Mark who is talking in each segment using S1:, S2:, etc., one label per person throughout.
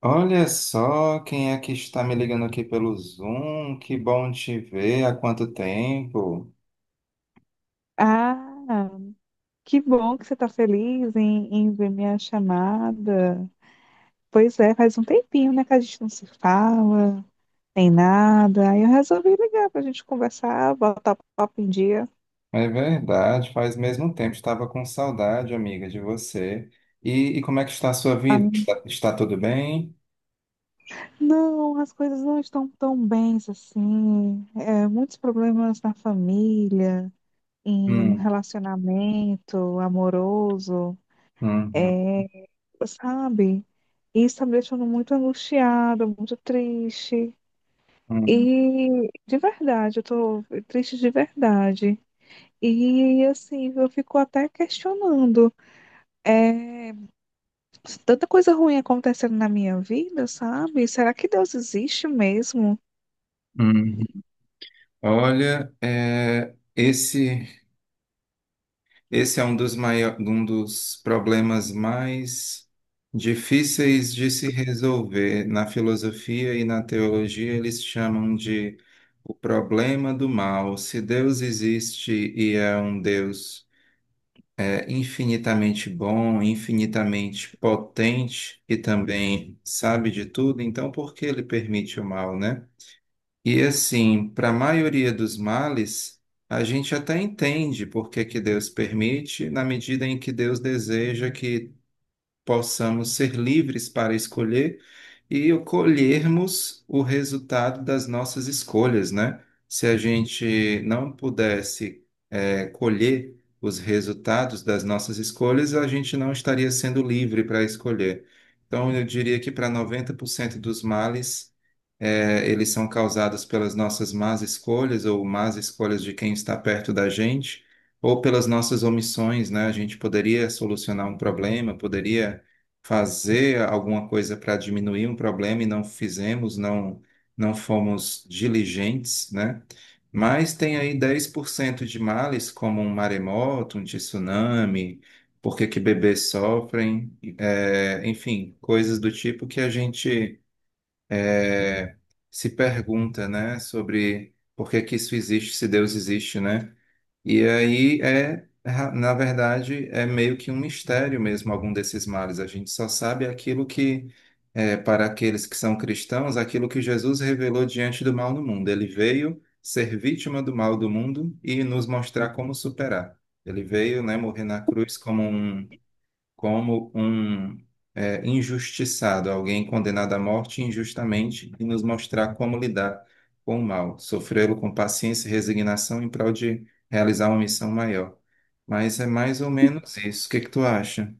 S1: Olha só quem é que está me ligando aqui pelo Zoom. Que bom te ver. Há quanto tempo?
S2: Ah, que bom que você está feliz em ver minha chamada. Pois é, faz um tempinho, né, que a gente não se fala, nem nada. Aí eu resolvi ligar para a gente conversar, botar papo em dia.
S1: É verdade, faz mesmo tempo. Estava com saudade, amiga, de você. E como é que está a sua vida? Está tudo bem?
S2: Não, as coisas não estão tão bens assim. Muitos problemas na família, e no
S1: Hum,
S2: relacionamento amoroso.
S1: hum, hum,
S2: É, sabe? Isso está me deixando muito angustiada, muito triste.
S1: hum,
S2: E de verdade, eu tô triste de verdade. E assim, eu fico até questionando. É, Tanta coisa ruim acontecendo na minha vida, sabe? Será que Deus existe mesmo?
S1: hum. Olha, é, esse. Esse é um dos, um dos problemas mais difíceis de se resolver. Na filosofia e na teologia, eles chamam de o problema do mal. Se Deus existe e é um Deus é, infinitamente bom, infinitamente potente e também sabe de tudo, então por que ele permite o mal, né? E assim, para a maioria dos males, a gente até entende por que que Deus permite, na medida em que Deus deseja que possamos ser livres para escolher e colhermos o resultado das nossas escolhas, né? Se a gente não pudesse é, colher os resultados das nossas escolhas, a gente não estaria sendo livre para escolher. Então, eu diria que para 90% dos males, é, eles são causados pelas nossas más escolhas ou más escolhas de quem está perto da gente, ou pelas nossas omissões, né? A gente poderia solucionar um problema, poderia fazer alguma coisa para diminuir um problema e não fizemos, não fomos diligentes, né? Mas tem aí 10% de males, como um maremoto, um tsunami, por que que bebês sofrem, é, enfim, coisas do tipo que a gente é, se pergunta, né, sobre por que que isso existe, se Deus existe, né? E aí é, na verdade, é meio que um mistério mesmo algum desses males. A gente só sabe aquilo que, é, para aqueles que são cristãos, aquilo que Jesus revelou diante do mal no mundo. Ele veio ser vítima do mal do mundo e nos mostrar como superar. Ele veio, né, morrer na cruz como um como um é, injustiçado, alguém condenado à morte injustamente, e nos mostrar como lidar com o mal, sofrê-lo com paciência e resignação em prol de realizar uma missão maior. Mas é mais ou menos isso. O que que tu acha?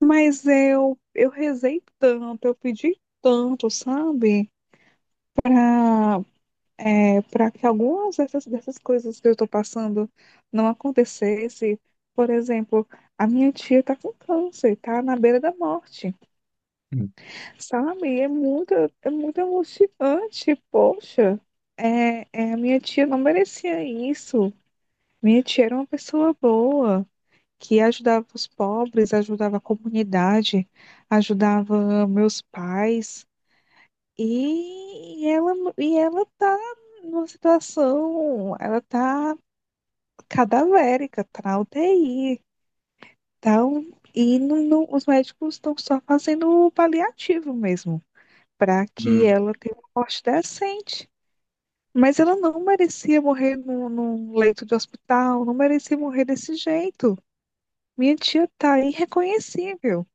S2: Mas eu rezei tanto, eu pedi tanto, sabe? Para para que algumas dessas coisas que eu estou passando não acontecesse. Por exemplo, a minha tia está com câncer, está na beira da morte.
S1: Hum,
S2: Sabe? É muito emocionante, poxa. A minha tia não merecia isso. Minha tia era uma pessoa boa, que ajudava os pobres, ajudava a comunidade, ajudava meus pais. E ela tá numa situação, ela tá cadavérica, tá na UTI. Então, os médicos estão só fazendo o paliativo mesmo. Para que
S1: hum.
S2: ela tenha uma morte decente. Mas ela não merecia morrer num leito de hospital, não merecia morrer desse jeito. Minha tia tá irreconhecível.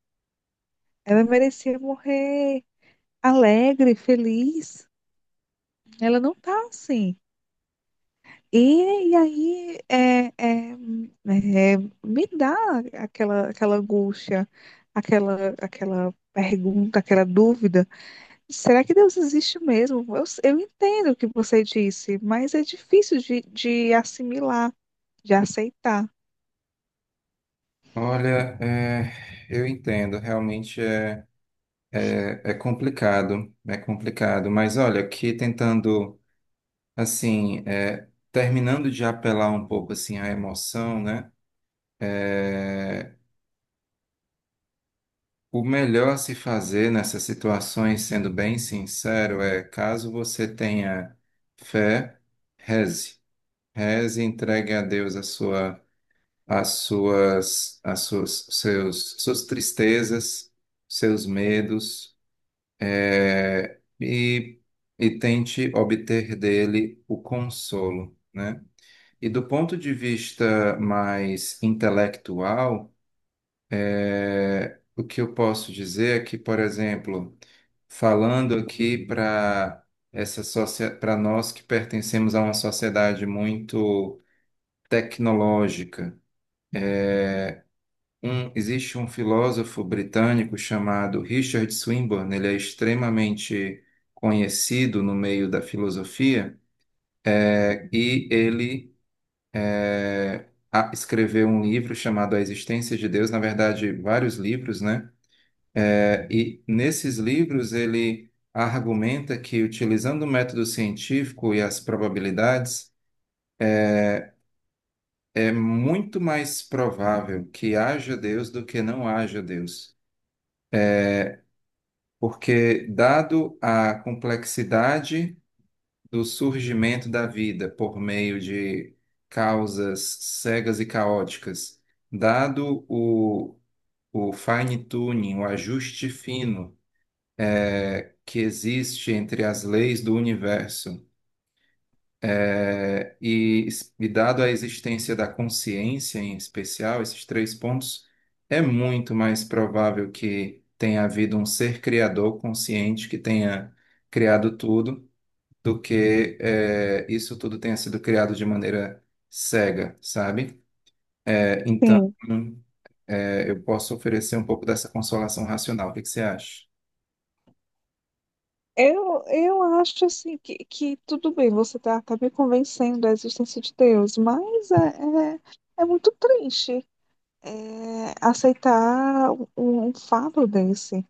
S2: Ela merecia morrer alegre, feliz. Ela não tá assim. E aí é, é, me dá aquela angústia, aquela pergunta, aquela dúvida. Será que Deus existe mesmo? Eu entendo o que você disse, mas é difícil de assimilar, de aceitar.
S1: Olha, é, eu entendo, realmente é, é, é complicado, mas olha, aqui tentando, assim, é, terminando de apelar um pouco, assim, à emoção, né, é, o melhor a se fazer nessas situações, sendo bem sincero, é caso você tenha fé, reze. Reze, entregue a Deus a sua, as suas, seus, suas tristezas, seus medos, é, e tente obter dele o consolo, né? E do ponto de vista mais intelectual, é, o que eu posso dizer é que, por exemplo, falando aqui para essa para nós que pertencemos a uma sociedade muito tecnológica, existe um filósofo britânico chamado Richard Swinburne, ele é extremamente conhecido no meio da filosofia, é, e ele é, escreveu um livro chamado A Existência de Deus, na verdade, vários livros, né? E nesses livros ele argumenta que utilizando o método científico e as probabilidades é muito mais provável que haja Deus do que não haja Deus, porque dado a complexidade do surgimento da vida por meio de causas cegas e caóticas, dado o fine-tuning, o ajuste fino que existe entre as leis do universo é, e dado a existência da consciência em especial, esses três pontos, é muito mais provável que tenha havido um ser criador consciente que tenha criado tudo, do que eh, isso tudo tenha sido criado de maneira cega, sabe? Eh, então,
S2: Sim,
S1: eh, eu posso oferecer um pouco dessa consolação racional. O que que você acha?
S2: eu acho assim que tudo bem, você está tá tá me convencendo da existência de Deus, mas é muito triste aceitar um fato desse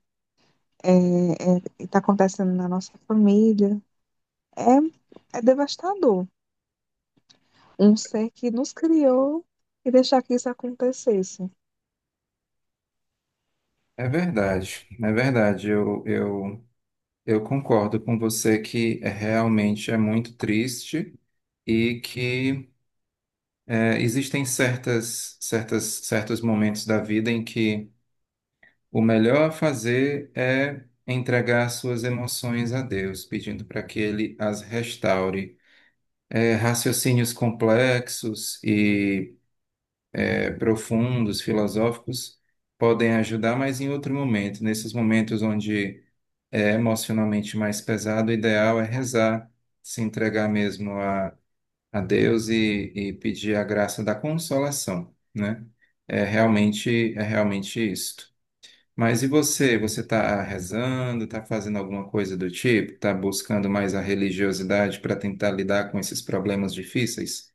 S2: que está acontecendo na nossa família. É devastador. Um ser que nos criou e deixar que isso acontecesse.
S1: É verdade, é verdade. Eu concordo com você que é, realmente é muito triste. E que é, existem certas, certas, certos momentos da vida em que o melhor a fazer é entregar suas emoções a Deus, pedindo para que Ele as restaure. É, raciocínios complexos e é, profundos, filosóficos, podem ajudar, mas em outro momento, nesses momentos onde é emocionalmente mais pesado, o ideal é rezar, se entregar mesmo a Deus e pedir a graça da consolação, né? É realmente isto. Mas e você? Você está rezando, está fazendo alguma coisa do tipo? Está buscando mais a religiosidade para tentar lidar com esses problemas difíceis?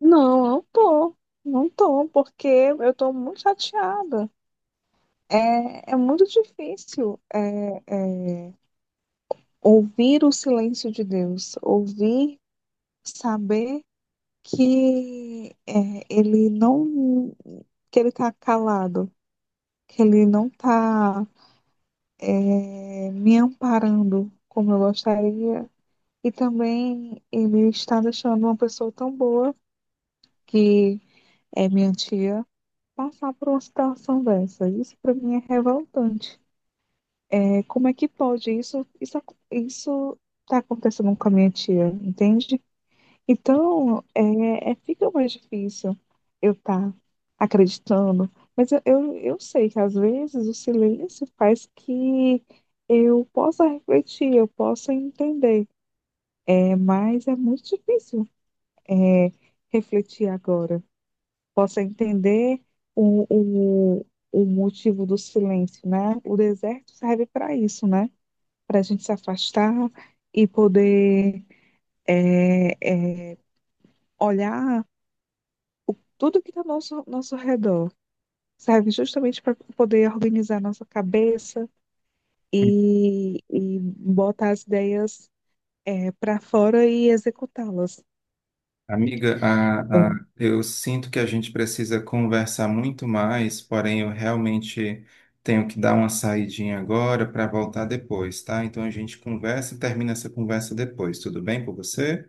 S2: Não, não tô. Não tô, porque eu tô muito chateada. É muito difícil, ouvir o silêncio de Deus, ouvir, saber que ele não, que ele tá calado, que ele não tá me amparando como eu gostaria. E também ele está deixando uma pessoa tão boa que é minha tia passar por uma situação dessa. Isso para mim é revoltante. Como é que pode isso? Isso tá acontecendo com a minha tia, entende? Então, fica mais difícil eu estar acreditando. Mas eu sei que às vezes o silêncio faz que eu possa refletir, eu possa entender. Mas é muito difícil, é, refletir agora. Possa entender o, o, o motivo do silêncio, né? O deserto serve para isso, né? Para a gente se afastar e poder é, é, olhar tudo que está ao nosso redor. Serve justamente para poder organizar nossa cabeça e botar as ideias para fora e executá-las.
S1: Amiga, eu sinto que a gente precisa conversar muito mais, porém eu realmente tenho que dar uma saidinha agora para voltar depois, tá? Então a gente conversa e termina essa conversa depois. Tudo bem com você?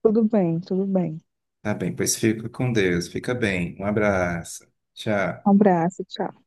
S2: Tudo bem, tudo bem.
S1: Tá bem, pois fica com Deus. Fica bem. Um abraço. Tchau.
S2: Um abraço, tchau.